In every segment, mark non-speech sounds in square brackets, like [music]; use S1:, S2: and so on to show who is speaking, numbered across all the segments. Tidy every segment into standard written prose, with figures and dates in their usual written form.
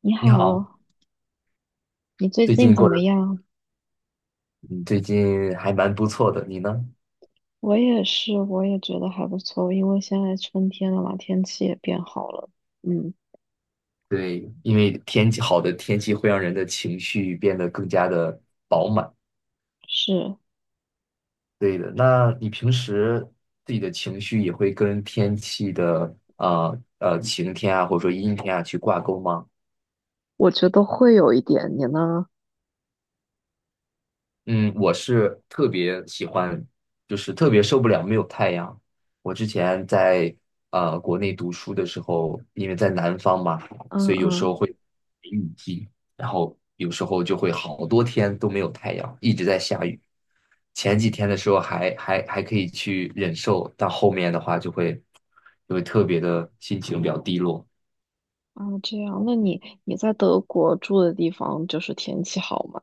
S1: 你
S2: 你好，
S1: 好，你最
S2: 最
S1: 近
S2: 近
S1: 怎
S2: 过
S1: 么
S2: 得，
S1: 样？
S2: 嗯，最近还蛮不错的，你呢？
S1: 我也是，我也觉得还不错，因为现在春天了嘛，天气也变好了。嗯，
S2: 对，因为天气好的天气会让人的情绪变得更加的饱满。
S1: 是，
S2: 对的，那你平时自己的情绪也会跟天气的晴天啊，或者说阴天啊去挂钩吗？
S1: 我觉得会有一点，你呢？
S2: 嗯，我是特别喜欢，就是特别受不了没有太阳。我之前在国内读书的时候，因为在南方嘛，
S1: 嗯
S2: 所以有时
S1: 嗯，
S2: 候会雨季，然后有时候就会好多天都没有太阳，一直在下雨。前几天的时候还可以去忍受，但后面的话就会特别的心情比较低落。
S1: 啊，这样。那你在德国住的地方，就是天气好吗？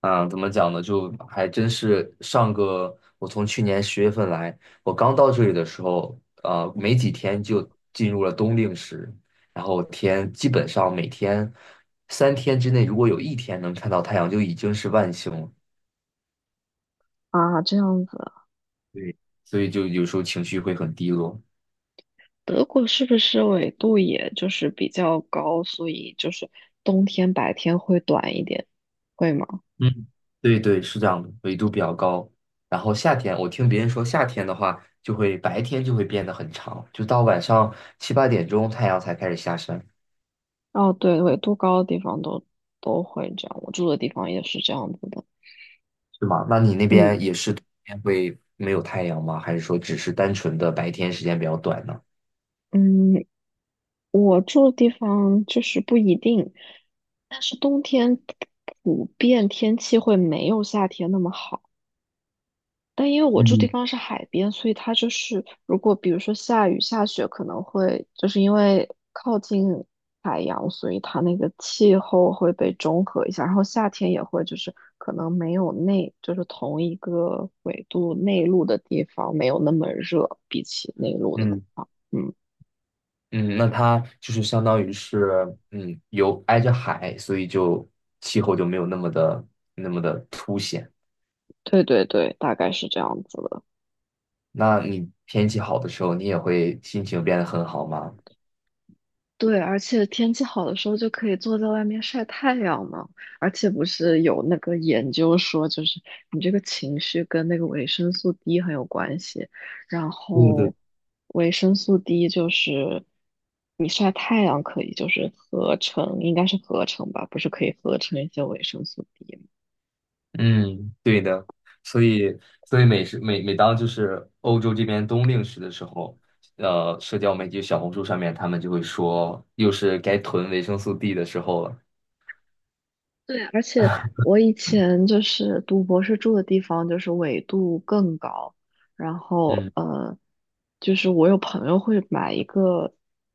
S2: 嗯，怎么讲呢？就还真是上个，我从去年十月份来，我刚到这里的时候，没几天就进入了冬令时，然后天基本上每天三天之内，如果有一天能看到太阳，就已经是万幸了。
S1: 啊，这样子，
S2: 对，所以就有时候情绪会很低落。
S1: 德国是不是纬度也就是比较高，所以就是冬天白天会短一点，会吗？
S2: 嗯，对对，是这样的，纬度比较高。然后夏天，我听别人说夏天的话，就会白天就会变得很长，就到晚上七八点钟太阳才开始下山。
S1: 哦，对，纬度高的地方都会这样，我住的地方也是这样子的。
S2: 是吗？那你那
S1: 嗯
S2: 边也是冬天会没有太阳吗？还是说只是单纯的白天时间比较短呢？
S1: 嗯，我住的地方就是不一定，但是冬天普遍天气会没有夏天那么好。但因为我住地
S2: 嗯
S1: 方是海边，所以它就是如果比如说下雨下雪，可能会就是因为靠近海洋，所以它那个气候会被中和一下。然后夏天也会就是可能没有就是同一个纬度内陆的地方没有那么热，比起内陆的地
S2: 嗯。
S1: 方，嗯。
S2: 嗯，那它就是相当于是，嗯，有挨着海，所以就气候就没有那么的那么的凸显。
S1: 对对对，大概是这样子的。
S2: 那你天气好的时候，你也会心情变得很好吗？
S1: 对，而且天气好的时候就可以坐在外面晒太阳嘛。而且不是有那个研究说，就是你这个情绪跟那个维生素 D 很有关系。然
S2: 对。
S1: 后维生素 D 就是你晒太阳可以，就是合成，应该是合成吧，不是可以合成一些维生素 D。
S2: 嗯，对的，所以所以每时每每当就是欧洲这边冬令时的时候，社交媒体小红书上面他们就会说，又是该囤维生素 D 的时候了。
S1: 对，而且
S2: [laughs]
S1: 我以前就是读博士住的地方，就是纬度更高，然后
S2: 嗯，
S1: 就是我有朋友会买一个，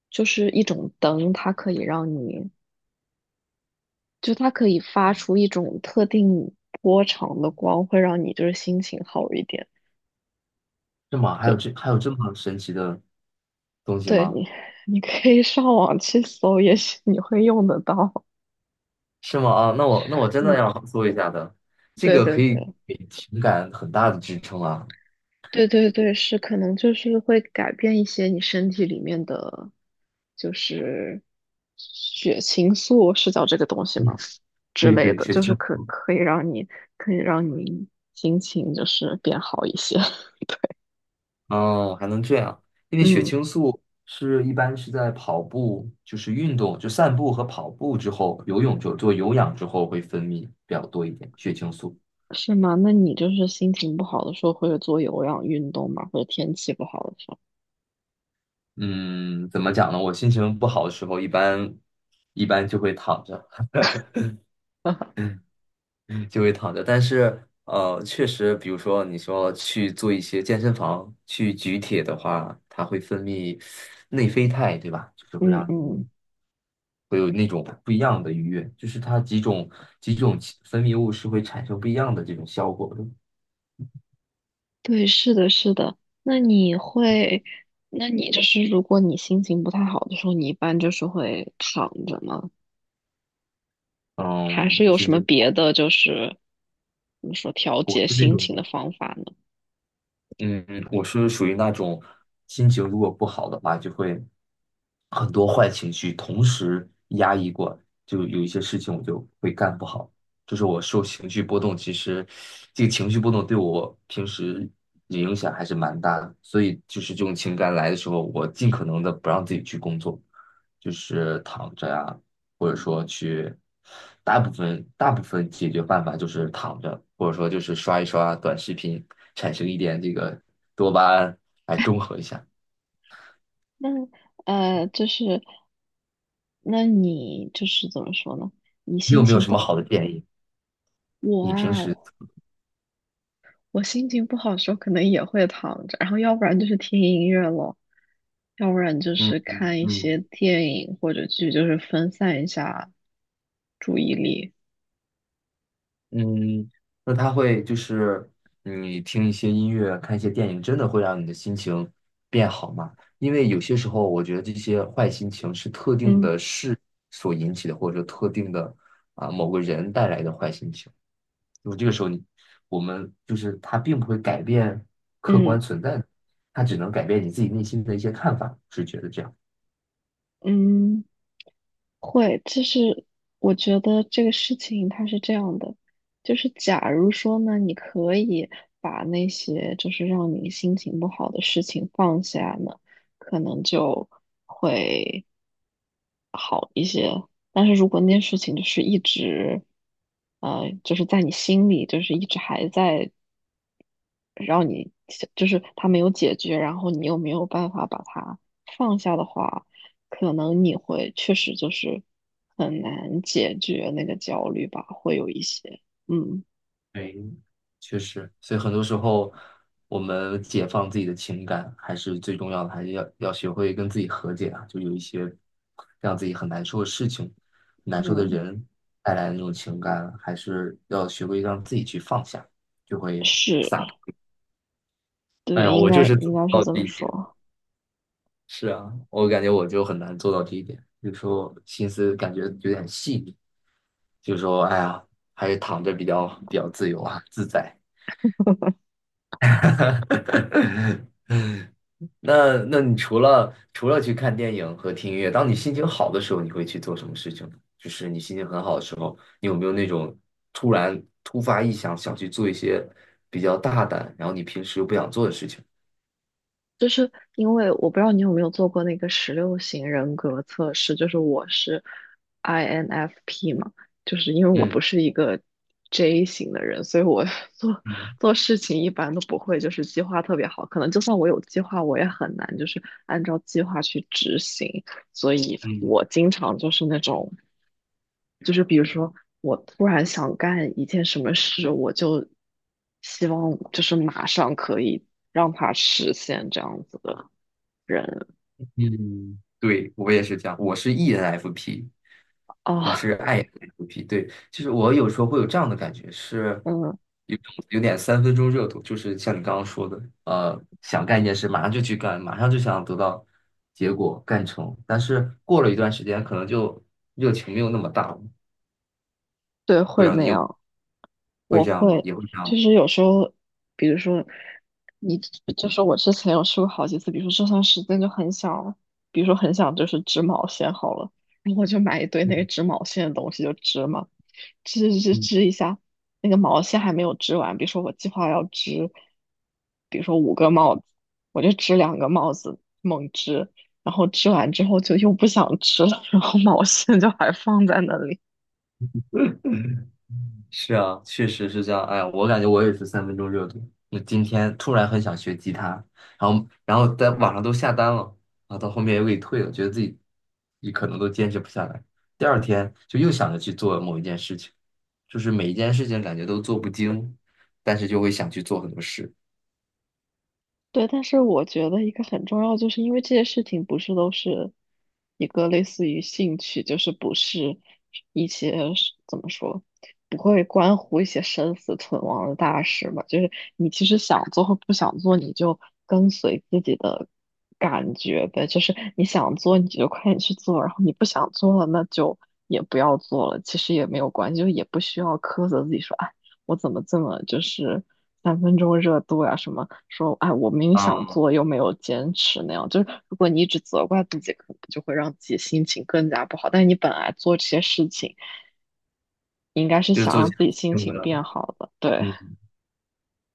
S1: 就是一种灯，它可以让你，就它可以发出一种特定波长的光，会让你就是心情好一点。
S2: 是吗？还有这
S1: 就
S2: 还有这么神奇的东西
S1: 对
S2: 吗？
S1: 你，[laughs] 你可以上网去搜，也许你会用得到。
S2: 是吗？啊，那我真的
S1: 嗯，
S2: 要搜一下的，这
S1: 对
S2: 个
S1: 对
S2: 可以
S1: 对。
S2: 给情感很大的支撑啊。
S1: 对对对，是可能就是会改变一些你身体里面的，就是血清素是叫这个东西吗？
S2: 嗯，
S1: 之
S2: 对
S1: 类
S2: 对，
S1: 的，
S2: 雪
S1: 就是
S2: 球。
S1: 可以让你心情就是变好一些。[laughs]
S2: 哦，还能这样，因为血
S1: 嗯，
S2: 清素是一般是在跑步，就是运动，就散步和跑步之后，游泳就做有氧之后会分泌比较多一点血清素。
S1: 是吗？那你就是心情不好的时候会做有氧运动吗？或者天气不好的时候？
S2: 嗯，怎么讲呢？我心情不好的时候，一般就会躺着，[laughs] 就会躺着。但是确实，比如说你说去做一些健身房去举铁的话，它会分泌内啡肽，对吧？就是会
S1: 嗯
S2: 让
S1: 嗯，
S2: 你会有那种不一样的愉悦，就是它几种分泌物是会产生不一样的这种效果的。
S1: 对，是的，是的。那你会，那你就是如果你心情不太好的时候，你一般就是会躺着吗？还
S2: 嗯，
S1: 是
S2: 我
S1: 有
S2: 是
S1: 什
S2: 这，
S1: 么别的，就是怎么说调
S2: 我
S1: 节
S2: 是那
S1: 心
S2: 种
S1: 情的方法呢？
S2: 嗯，我是属于那种心情如果不好的话，就会很多坏情绪同时压抑过，就有一些事情我就会干不好。就是我受情绪波动，其实这个情绪波动对我平时影响还是蛮大的。所以就是这种情感来的时候，我尽可能的不让自己去工作，就是躺着呀、大部分解决办法就是躺着，或者说就是刷一刷短视频，产生一点这个多巴胺来中和一下。
S1: 那就是你就是怎么说呢？你
S2: 你
S1: 心
S2: 有没有
S1: 情
S2: 什
S1: 不
S2: 么好
S1: 好，
S2: 的建议？
S1: 我
S2: 你平
S1: 啊，
S2: 时
S1: 我心情不好的时候，可能也会躺着，然后要不然就是听音乐咯，要不然就
S2: 嗯
S1: 是
S2: 嗯
S1: 看一些
S2: 嗯
S1: 电影或者剧，就是分散一下注意力。
S2: 嗯那它会就是你听一些音乐、看一些电影，真的会让你的心情变好吗？因为有些时候，我觉得这些坏心情是特定
S1: 嗯
S2: 的事所引起的，或者说特定的啊某个人带来的坏心情。就这个时候你，我们就是它并不会改变客
S1: 嗯
S2: 观存在的，它只能改变你自己内心的一些看法，是觉得这样。
S1: 嗯。会，就是我觉得这个事情它是这样的，就是假如说呢，你可以把那些就是让你心情不好的事情放下呢，可能就会好一些。但是如果那件事情就是一直，就是在你心里，就是一直还在让你就是他没有解决，然后你又没有办法把它放下的话，可能你会确实就是很难解决那个焦虑吧，会有一些，嗯
S2: 对，确实，所以很多时候我们解放自己的情感还是最重要的，还是要学会跟自己和解啊，就有一些让自己很难受的事情、难受的
S1: 嗯，
S2: 人带来的那种情感，还是要学会让自己去放下，就会，
S1: 是，
S2: 哎
S1: 对，
S2: 呀，
S1: 应
S2: 我就
S1: 该
S2: 是做
S1: 应
S2: 不
S1: 该是
S2: 到
S1: 这
S2: 这
S1: 么
S2: 一点。
S1: 说。
S2: 是啊，我感觉我就很难做到这一点，有时候心思感觉有点细腻，就说哎呀，还是躺着比较自由啊，自在。[laughs] 那那你除了去看电影和听音乐，当你心情好的时候，你会去做什么事情呢？就是你心情很好的时候，你有没有那种突发异想想去做一些比较大胆，然后你平时又不想做的事情？
S1: 就是因为我不知道你有没有做过那个16型人格测试，就是我是 INFP 嘛，就是因为我
S2: 嗯
S1: 不是一个 J 型的人，所以我 [laughs] 做
S2: 嗯
S1: 做事情一般都不会就是计划特别好，可能就算我有计划，我也很难就是按照计划去执行，所以
S2: 嗯
S1: 我经常就是那种，就是比如说我突然想干一件什么事，我就希望就是马上可以让它实现这样子的。人
S2: 嗯，对，我也是这样，我是 ENFP，你
S1: 啊，
S2: 是 INFP，对，其实我有时候会有这样的感觉，是
S1: 嗯，
S2: 有有点三分钟热度，就是像你刚刚说的，想干一件事，马上就去干，马上就想得到结果干成，但是过了一段时间，可能就热情没有那么大了，
S1: 对，会那样，
S2: 会
S1: 我
S2: 这样吗？
S1: 会，
S2: 也会这样吗。
S1: 就是有时候，比如说，你就是我之前有试过好几次，比如说这段时间就很想，比如说很想就是织毛线好了，然后我就买一堆那个织毛线的东西就织嘛，织织
S2: 嗯
S1: 织一下，那个毛线还没有织完，比如说我计划要织，比如说五个帽子，我就织两个帽子，猛织。然后织完之后就又不想织了，然后毛线就还放在那里。
S2: 是啊，确实是这样。哎呀，我感觉我也是三分钟热度。我今天突然很想学吉他，然后在网上都下单了，然后到后面又给退了，觉得自己也可能都坚持不下来。第二天就又想着去做某一件事情，就是每一件事情感觉都做不精，但是就会想去做很多事。
S1: 对，但是我觉得一个很重要，就是因为这些事情不是都是一个类似于兴趣，就是不是一些是怎么说，不会关乎一些生死存亡的大事嘛。就是你其实想做或不想做，你就跟随自己的感觉呗。就是你想做，你就快点去做；然后你不想做了，那就也不要做了。其实也没有关系，就也不需要苛责自己说。啊，我怎么这么就是三分钟热度呀、什么说哎，我明明想
S2: 啊，
S1: 做又没有坚持那样。就是如果你一直责怪自己，可能就会让自己心情更加不好。但是你本来做这些事情，你应该是
S2: 就是
S1: 想
S2: 做这
S1: 让自己心
S2: 种
S1: 情变
S2: 的。
S1: 好的。对
S2: 嗯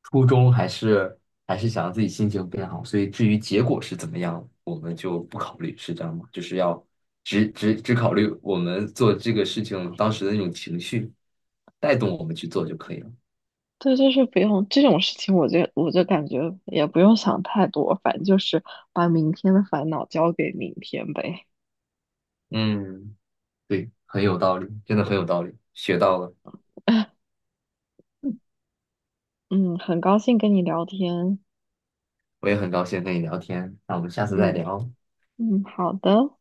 S2: 初衷还是还是想让自己心情变好，所以至于结果是怎么样，我们就不考虑，是这样吗？就是要只考虑我们做这个事情当时的那种情绪，带动我们去做就可以了。
S1: 对，就是不用这种事情，我就感觉也不用想太多，反正就是把明天的烦恼交给明天呗。
S2: 嗯，对，很有道理，真的很有道理，学到了，
S1: [laughs] 嗯，很高兴跟你聊天。
S2: 我也很高兴跟你聊天，那我们下次再
S1: 嗯
S2: 聊，
S1: 嗯，好的。